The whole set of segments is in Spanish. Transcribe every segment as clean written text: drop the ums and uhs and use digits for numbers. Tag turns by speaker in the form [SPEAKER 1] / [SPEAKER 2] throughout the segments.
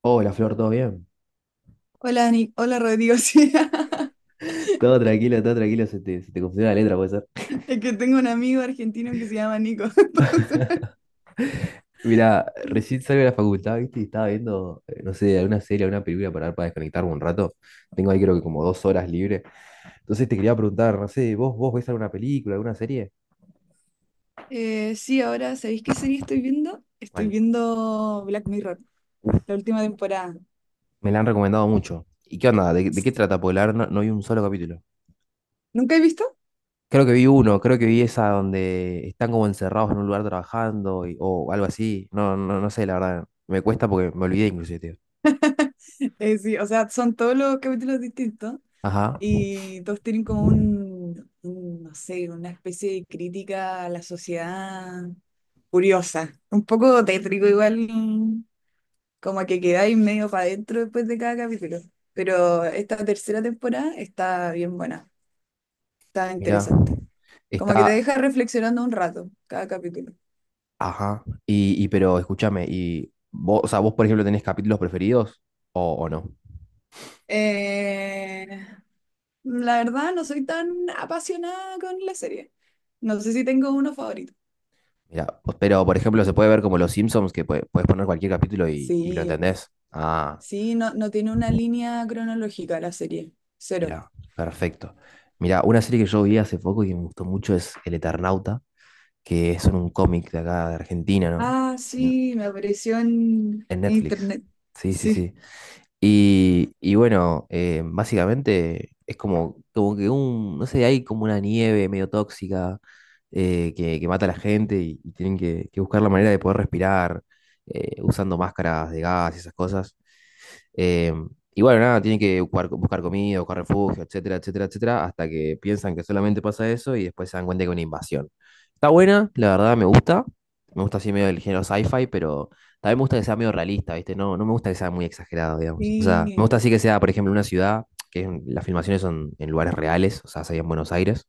[SPEAKER 1] Hola Flor, ¿todo bien?
[SPEAKER 2] Hola, hola Rodrigo. Sí,
[SPEAKER 1] Todo tranquilo, se te confundió la letra, puede ser.
[SPEAKER 2] es que tengo un amigo argentino que se llama Nico. Entonces,
[SPEAKER 1] Mirá, recién salgo de la facultad, ¿viste? Y estaba viendo, no sé, alguna serie, alguna película para ver, para desconectarme un rato. Tengo ahí creo que como dos horas libre. Entonces te quería preguntar, no sé, ¿vos ves alguna película, alguna serie?
[SPEAKER 2] sí, ahora, ¿sabéis qué serie estoy viendo? Estoy
[SPEAKER 1] ¿Cuál?
[SPEAKER 2] viendo Black Mirror, la última temporada.
[SPEAKER 1] Me la han recomendado mucho. ¿Y qué onda? ¿De qué trata? Porque la verdad no vi un solo capítulo.
[SPEAKER 2] ¿Nunca he visto?
[SPEAKER 1] Creo que vi uno, creo que vi esa donde están como encerrados en un lugar trabajando o algo así. No, no, no sé, la verdad. Me cuesta porque me olvidé inclusive, tío.
[SPEAKER 2] Sí, o sea, son todos los capítulos distintos
[SPEAKER 1] Ajá.
[SPEAKER 2] y todos tienen como un, no sé, una especie de crítica a la sociedad curiosa. Un poco tétrico igual, como que quedáis medio para adentro después de cada capítulo. Pero esta tercera temporada está bien buena, está
[SPEAKER 1] Mira,
[SPEAKER 2] interesante. Como que te
[SPEAKER 1] está,
[SPEAKER 2] deja reflexionando un rato cada capítulo.
[SPEAKER 1] ajá, pero escúchame, y vos, o sea, vos por ejemplo tenés capítulos preferidos o no.
[SPEAKER 2] Eh, la verdad, no soy tan apasionada con la serie. No sé si tengo uno favorito.
[SPEAKER 1] Mira, pues, pero por ejemplo se puede ver como los Simpsons que puedes poner cualquier capítulo y lo
[SPEAKER 2] Sí,
[SPEAKER 1] entendés. Ah,
[SPEAKER 2] sí, no, no tiene una línea cronológica la serie. Cero.
[SPEAKER 1] mira, perfecto. Mira, una serie que yo vi hace poco y que me gustó mucho es El Eternauta, que es un cómic de acá de Argentina,
[SPEAKER 2] Ah,
[SPEAKER 1] ¿no?
[SPEAKER 2] sí, me apareció en
[SPEAKER 1] En Netflix.
[SPEAKER 2] internet.
[SPEAKER 1] Sí, sí,
[SPEAKER 2] Sí,
[SPEAKER 1] sí. Bueno, básicamente es como, como que un, no sé, hay como una nieve medio tóxica que mata a la gente y tienen que buscar la manera de poder respirar usando máscaras de gas y esas cosas. Eh, y bueno, nada, tienen que buscar, buscar comida, buscar refugio, etcétera, etcétera, etcétera, hasta que piensan que solamente pasa eso y después se dan cuenta que es una invasión. Está buena, la verdad me gusta. Me gusta así medio el género sci-fi, pero también me gusta que sea medio realista, ¿viste? No, no me gusta que sea muy exagerado, digamos. O sea, me
[SPEAKER 2] sí.
[SPEAKER 1] gusta así que sea, por ejemplo, una ciudad, las filmaciones son en lugares reales, o sea, sería en Buenos Aires,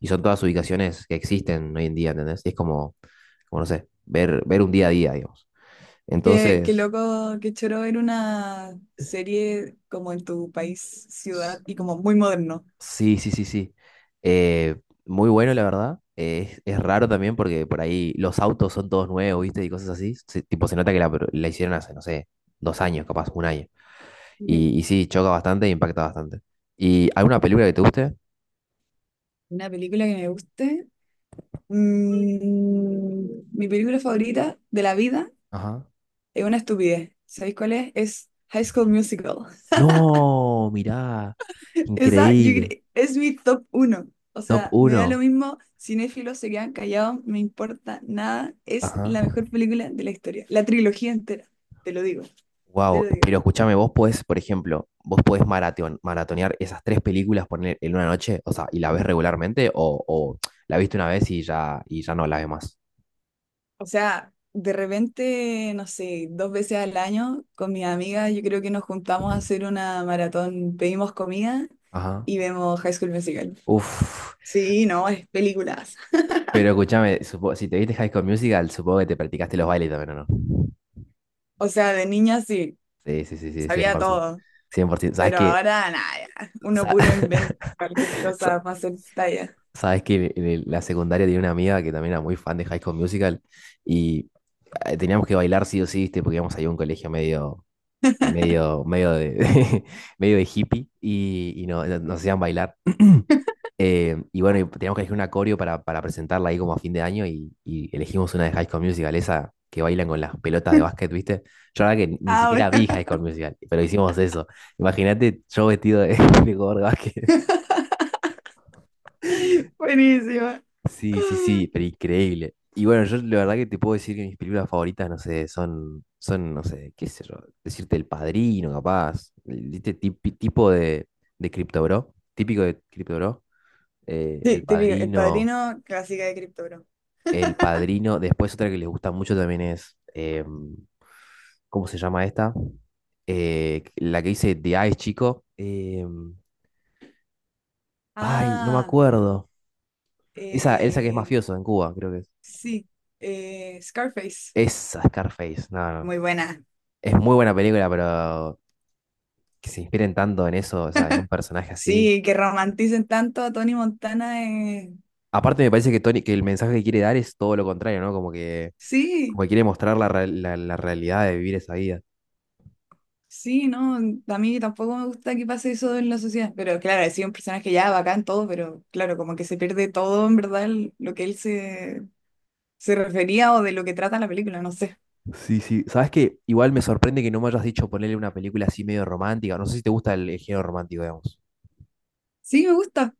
[SPEAKER 1] y son todas ubicaciones que existen hoy en día, ¿entendés? Y es como, como no sé, ver, ver un día a día, digamos.
[SPEAKER 2] Qué
[SPEAKER 1] Entonces,
[SPEAKER 2] loco, qué choro ver una serie como en tu país, ciudad y como muy moderno.
[SPEAKER 1] sí, sí, sí, sí. Eh, muy bueno, la verdad. Es raro también porque por ahí los autos son todos nuevos, ¿viste? Y cosas así. Tipo, se nota que la hicieron hace, no sé, dos años, capaz, un año.
[SPEAKER 2] Ujú.
[SPEAKER 1] Sí, choca bastante e impacta bastante. ¿Y alguna película que te guste?
[SPEAKER 2] Una película que me guste. Mi película favorita de la vida
[SPEAKER 1] Ajá.
[SPEAKER 2] es una estupidez. ¿Sabéis cuál es? Es High School Musical.
[SPEAKER 1] No, mirá.
[SPEAKER 2] Esa yo
[SPEAKER 1] Increíble.
[SPEAKER 2] es mi top uno. O
[SPEAKER 1] Top
[SPEAKER 2] sea, me da lo
[SPEAKER 1] uno.
[SPEAKER 2] mismo, cinéfilos se quedan callados, no me importa nada. Es
[SPEAKER 1] Ajá.
[SPEAKER 2] la mejor película de la historia. La trilogía entera, te lo digo, te
[SPEAKER 1] Wow,
[SPEAKER 2] lo digo.
[SPEAKER 1] pero escúchame, vos podés, por ejemplo, vos podés maratonear esas tres películas poner en una noche, o sea, y la ves regularmente, o la viste una vez y ya no la ves más.
[SPEAKER 2] O sea, de repente, no sé, dos veces al año con mis amigas, yo creo que nos juntamos a hacer una maratón, pedimos comida
[SPEAKER 1] Ajá.
[SPEAKER 2] y vemos High School Musical.
[SPEAKER 1] Uf,
[SPEAKER 2] Sí, no, es películas.
[SPEAKER 1] pero escúchame, si te viste High School Musical, supongo que te practicaste los bailes también, ¿o no?
[SPEAKER 2] O sea, de niña sí,
[SPEAKER 1] Sí, sí, sí, sí,
[SPEAKER 2] sabía
[SPEAKER 1] 100%.
[SPEAKER 2] todo,
[SPEAKER 1] 100%. ¿Sabes
[SPEAKER 2] pero
[SPEAKER 1] qué?
[SPEAKER 2] ahora nada, ya, uno
[SPEAKER 1] Sa-
[SPEAKER 2] puro inventa cualquier
[SPEAKER 1] sa-
[SPEAKER 2] cosa para hacer talla.
[SPEAKER 1] ¿Sabes que en la secundaria tenía una amiga que también era muy fan de High School Musical y teníamos que bailar sí o sí, ¿viste? Porque íbamos ahí a un colegio medio, medio, medio de, medio de hippie y, nos hacían bailar. Y bueno, y teníamos que elegir una coreo para presentarla ahí como a fin de año y elegimos una de High School Musical, esa que bailan con las pelotas de básquet, ¿viste? Yo la verdad que ni
[SPEAKER 2] Ahora,
[SPEAKER 1] siquiera vi High School Musical, pero hicimos eso. Imagínate yo vestido de, de jugador de básquet.
[SPEAKER 2] buenísima.
[SPEAKER 1] Sí, sí, sí, pero increíble. Y bueno, yo la verdad que te puedo decir que mis películas favoritas, no sé, no sé, qué sé yo, decirte El Padrino, capaz, tipo de Crypto Bro, típico de Crypto Bro, El
[SPEAKER 2] Sí, típico, el
[SPEAKER 1] Padrino,
[SPEAKER 2] padrino clásica de Crypto.
[SPEAKER 1] El Padrino, después otra que les gusta mucho también es, ¿cómo se llama esta? La que dice The Ice Chico, ay, no me
[SPEAKER 2] Ah,
[SPEAKER 1] acuerdo, esa que es
[SPEAKER 2] eh,
[SPEAKER 1] mafioso en Cuba, creo que es,
[SPEAKER 2] Sí, Scarface.
[SPEAKER 1] esa Scarface, no, no.
[SPEAKER 2] Muy buena.
[SPEAKER 1] Es muy buena película, pero que se inspiren tanto en eso, o sea, en un personaje así.
[SPEAKER 2] Sí, que romanticen tanto a Tony Montana.
[SPEAKER 1] Aparte me parece que Tony, que el mensaje que quiere dar es todo lo contrario, ¿no? Como
[SPEAKER 2] Sí,
[SPEAKER 1] que quiere mostrar la realidad de vivir esa vida.
[SPEAKER 2] sí, no. A mí tampoco me gusta que pase eso en la sociedad. Pero claro, ha sido un personaje ya bacán todo, pero claro, como que se pierde todo en verdad lo que él se, se refería o de lo que trata la película, no sé.
[SPEAKER 1] Sí, sí. ¿Sabes qué? Igual me sorprende que no me hayas dicho ponerle una película así medio romántica. No sé si te gusta el género romántico, digamos.
[SPEAKER 2] Sí, me gusta.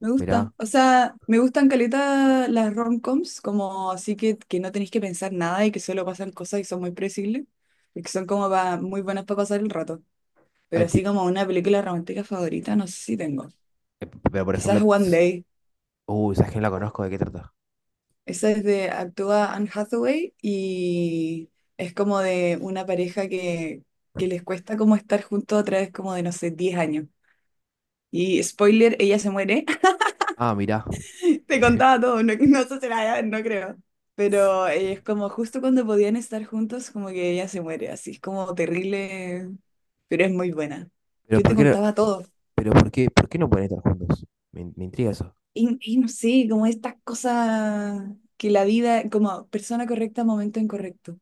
[SPEAKER 2] Me gusta,
[SPEAKER 1] Mirá.
[SPEAKER 2] o sea, me gustan caleta las romcoms, como así que no tenéis que pensar nada y que solo pasan cosas y son muy predecibles, y que son como muy buenas para pasar el rato.
[SPEAKER 1] Ay,
[SPEAKER 2] Pero así
[SPEAKER 1] ti-
[SPEAKER 2] como una película romántica favorita, no sé si tengo.
[SPEAKER 1] eh, Pero por ejemplo,
[SPEAKER 2] Quizás One
[SPEAKER 1] tss,
[SPEAKER 2] Day.
[SPEAKER 1] uy, ¿sabes que no la conozco? ¿De qué trata?
[SPEAKER 2] Esa es de, actúa Anne Hathaway y es como de una pareja que les cuesta como estar juntos a través como de, no sé, 10 años. Y spoiler, ella se muere.
[SPEAKER 1] Ah, mirá.
[SPEAKER 2] Te contaba todo, no, no sé si no creo.
[SPEAKER 1] Tss,
[SPEAKER 2] Pero es como justo cuando podían estar juntos, como que ella se muere, así es como terrible, pero es muy buena.
[SPEAKER 1] pero
[SPEAKER 2] Yo te
[SPEAKER 1] ¿por qué no,
[SPEAKER 2] contaba todo.
[SPEAKER 1] ¿pero por qué no pueden estar juntos? Me intriga eso.
[SPEAKER 2] Y no sé, como estas cosas que la vida, como persona correcta, momento incorrecto.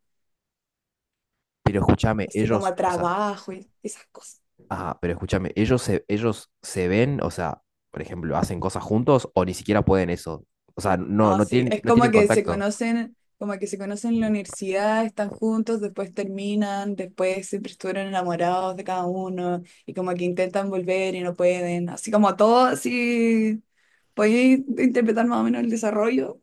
[SPEAKER 1] Pero escúchame,
[SPEAKER 2] Así como
[SPEAKER 1] ellos,
[SPEAKER 2] a
[SPEAKER 1] o sea,
[SPEAKER 2] trabajo y esas cosas.
[SPEAKER 1] ah, pero escúchame, ellos se ven, o sea, por ejemplo, hacen cosas juntos o ni siquiera pueden eso. O sea, no,
[SPEAKER 2] No, sí, es
[SPEAKER 1] no tienen
[SPEAKER 2] como que se
[SPEAKER 1] contacto.
[SPEAKER 2] conocen, como que se conocen en la universidad, están juntos, después terminan, después siempre estuvieron enamorados de cada uno y como que intentan volver y no pueden, así como todo, así, podéis interpretar más o menos el desarrollo,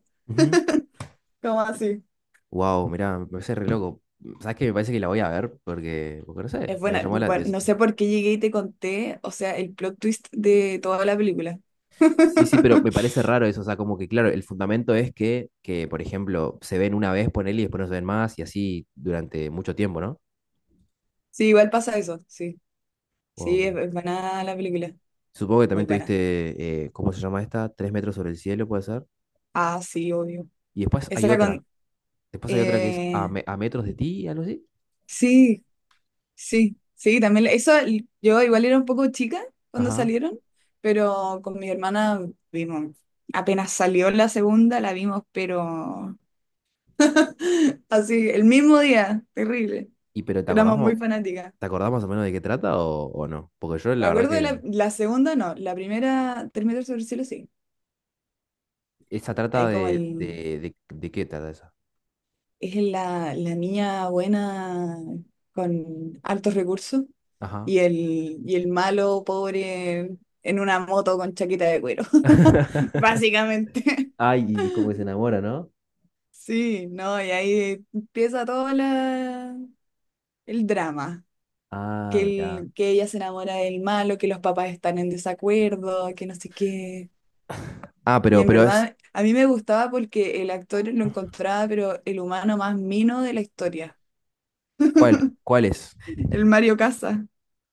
[SPEAKER 2] como así.
[SPEAKER 1] Wow, mirá, me parece re loco. ¿Sabes qué? Me parece que la voy a ver porque, porque no sé,
[SPEAKER 2] Es
[SPEAKER 1] me
[SPEAKER 2] buena,
[SPEAKER 1] llamó
[SPEAKER 2] bueno, no sé por qué llegué y te conté, o sea, el plot twist de toda la película.
[SPEAKER 1] sí, sí, pero me parece raro eso. O sea, como que, claro, el fundamento es que por ejemplo, se ven una vez, ponele, y después no se ven más y así durante mucho tiempo, ¿no?
[SPEAKER 2] Sí, igual pasa eso, sí,
[SPEAKER 1] Wow,
[SPEAKER 2] sí,
[SPEAKER 1] mirá.
[SPEAKER 2] es buena la película,
[SPEAKER 1] Supongo que
[SPEAKER 2] muy
[SPEAKER 1] también
[SPEAKER 2] buena.
[SPEAKER 1] tuviste, ¿cómo se llama esta? Tres metros sobre el cielo, puede ser.
[SPEAKER 2] Ah, sí, obvio.
[SPEAKER 1] Y después hay
[SPEAKER 2] Esa
[SPEAKER 1] otra.
[SPEAKER 2] con...
[SPEAKER 1] Después hay otra que es
[SPEAKER 2] eh,
[SPEAKER 1] a metros de ti, algo así.
[SPEAKER 2] Sí, sí, sí, también eso, yo igual era un poco chica cuando
[SPEAKER 1] Ajá.
[SPEAKER 2] salieron, pero con mi hermana vimos, apenas salió la segunda, la vimos, pero así, el mismo día, terrible,
[SPEAKER 1] Y pero ¿te acordás,
[SPEAKER 2] éramos muy
[SPEAKER 1] mo-
[SPEAKER 2] fanáticas.
[SPEAKER 1] Te acordás más o menos de qué trata o no? Porque yo
[SPEAKER 2] Me
[SPEAKER 1] la verdad
[SPEAKER 2] acuerdo de
[SPEAKER 1] que
[SPEAKER 2] la, la segunda, no, la primera, Tres metros sobre el cielo, sí,
[SPEAKER 1] esa trata
[SPEAKER 2] ahí como el,
[SPEAKER 1] de qué trata esa.
[SPEAKER 2] es la, la niña buena con altos recursos
[SPEAKER 1] Ajá.
[SPEAKER 2] y el malo pobre en una moto con chaqueta de cuero, básicamente.
[SPEAKER 1] Ay, y es como que se enamora, ¿no?
[SPEAKER 2] Sí, no, y ahí empieza todo la, el drama, que,
[SPEAKER 1] Ah, mirá.
[SPEAKER 2] que ella se enamora del malo, que los papás están en desacuerdo, que no sé qué.
[SPEAKER 1] Ah,
[SPEAKER 2] Y
[SPEAKER 1] pero,
[SPEAKER 2] en
[SPEAKER 1] pero es,
[SPEAKER 2] verdad, a mí me gustaba porque el actor lo encontraba, pero el humano más mino de la historia,
[SPEAKER 1] ¿Cuál? ¿Cuál es?
[SPEAKER 2] el Mario Casas.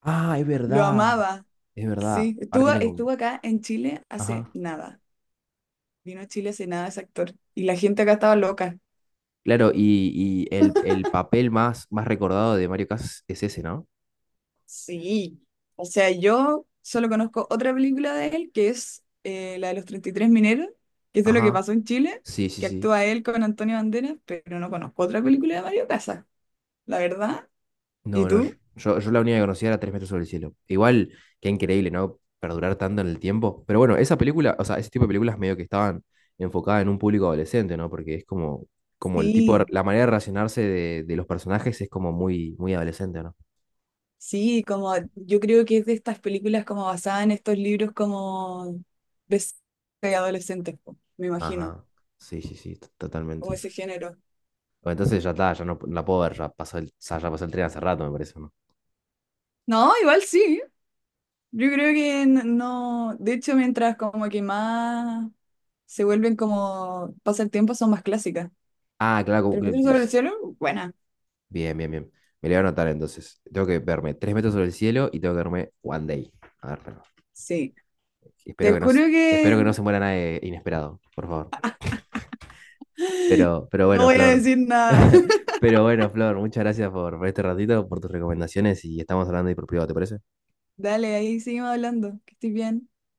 [SPEAKER 1] Ah, es
[SPEAKER 2] Lo
[SPEAKER 1] verdad,
[SPEAKER 2] amaba.
[SPEAKER 1] es verdad.
[SPEAKER 2] Sí,
[SPEAKER 1] Ahora
[SPEAKER 2] estuvo,
[SPEAKER 1] tiene como...
[SPEAKER 2] estuvo acá en Chile hace
[SPEAKER 1] Ajá.
[SPEAKER 2] nada. Vino a Chile hace nada ese actor. Y la gente acá estaba loca.
[SPEAKER 1] Claro, y el papel más recordado de Mario Casas es ese, ¿no?
[SPEAKER 2] Sí. O sea, yo solo conozco otra película de él, que es la de los 33 mineros, que es de lo que
[SPEAKER 1] Ajá.
[SPEAKER 2] pasó en Chile,
[SPEAKER 1] Sí, sí,
[SPEAKER 2] que
[SPEAKER 1] sí.
[SPEAKER 2] actúa él con Antonio Banderas, pero no conozco otra película de Mario Casas, la verdad. ¿Y
[SPEAKER 1] No, no, yo,
[SPEAKER 2] tú?
[SPEAKER 1] yo- Yo la única que conocía era Tres metros sobre el cielo. Igual, qué increíble, ¿no? Perdurar tanto en el tiempo. Pero bueno, esa película, o sea, ese tipo de películas medio que estaban enfocadas en un público adolescente, ¿no? Porque es como, como el tipo,
[SPEAKER 2] Sí,
[SPEAKER 1] la manera de relacionarse de los personajes es como muy adolescente, ¿no?
[SPEAKER 2] sí, como yo creo que es de estas películas como basadas en estos libros como de adolescentes, po, me imagino.
[SPEAKER 1] Ajá. Sí, sí, sí,
[SPEAKER 2] Como
[SPEAKER 1] totalmente.
[SPEAKER 2] ese género.
[SPEAKER 1] Bueno, entonces ya está, no la puedo ver, ya pasó el, ya pasó el tren hace rato, me parece, ¿no?
[SPEAKER 2] No, igual sí. Yo creo que no. De hecho, mientras como que más se vuelven como pasa el tiempo, son más clásicas. Pero Metro sobre el
[SPEAKER 1] Dios.
[SPEAKER 2] cielo, buena.
[SPEAKER 1] Bien, bien, bien. Me lo voy a anotar entonces. Tengo que verme Tres metros sobre el cielo y tengo que verme One Day. A ver,
[SPEAKER 2] Sí. Te
[SPEAKER 1] Espero que no,
[SPEAKER 2] juro
[SPEAKER 1] s- espero
[SPEAKER 2] que
[SPEAKER 1] que no se muera nadie inesperado, por favor. Pero
[SPEAKER 2] no
[SPEAKER 1] bueno,
[SPEAKER 2] voy a
[SPEAKER 1] Flor.
[SPEAKER 2] decir nada.
[SPEAKER 1] Pero bueno, Flor, muchas gracias por este ratito, por tus recomendaciones y estamos hablando ahí por privado, ¿te parece?
[SPEAKER 2] Dale, ahí seguimos hablando. Que estés bien.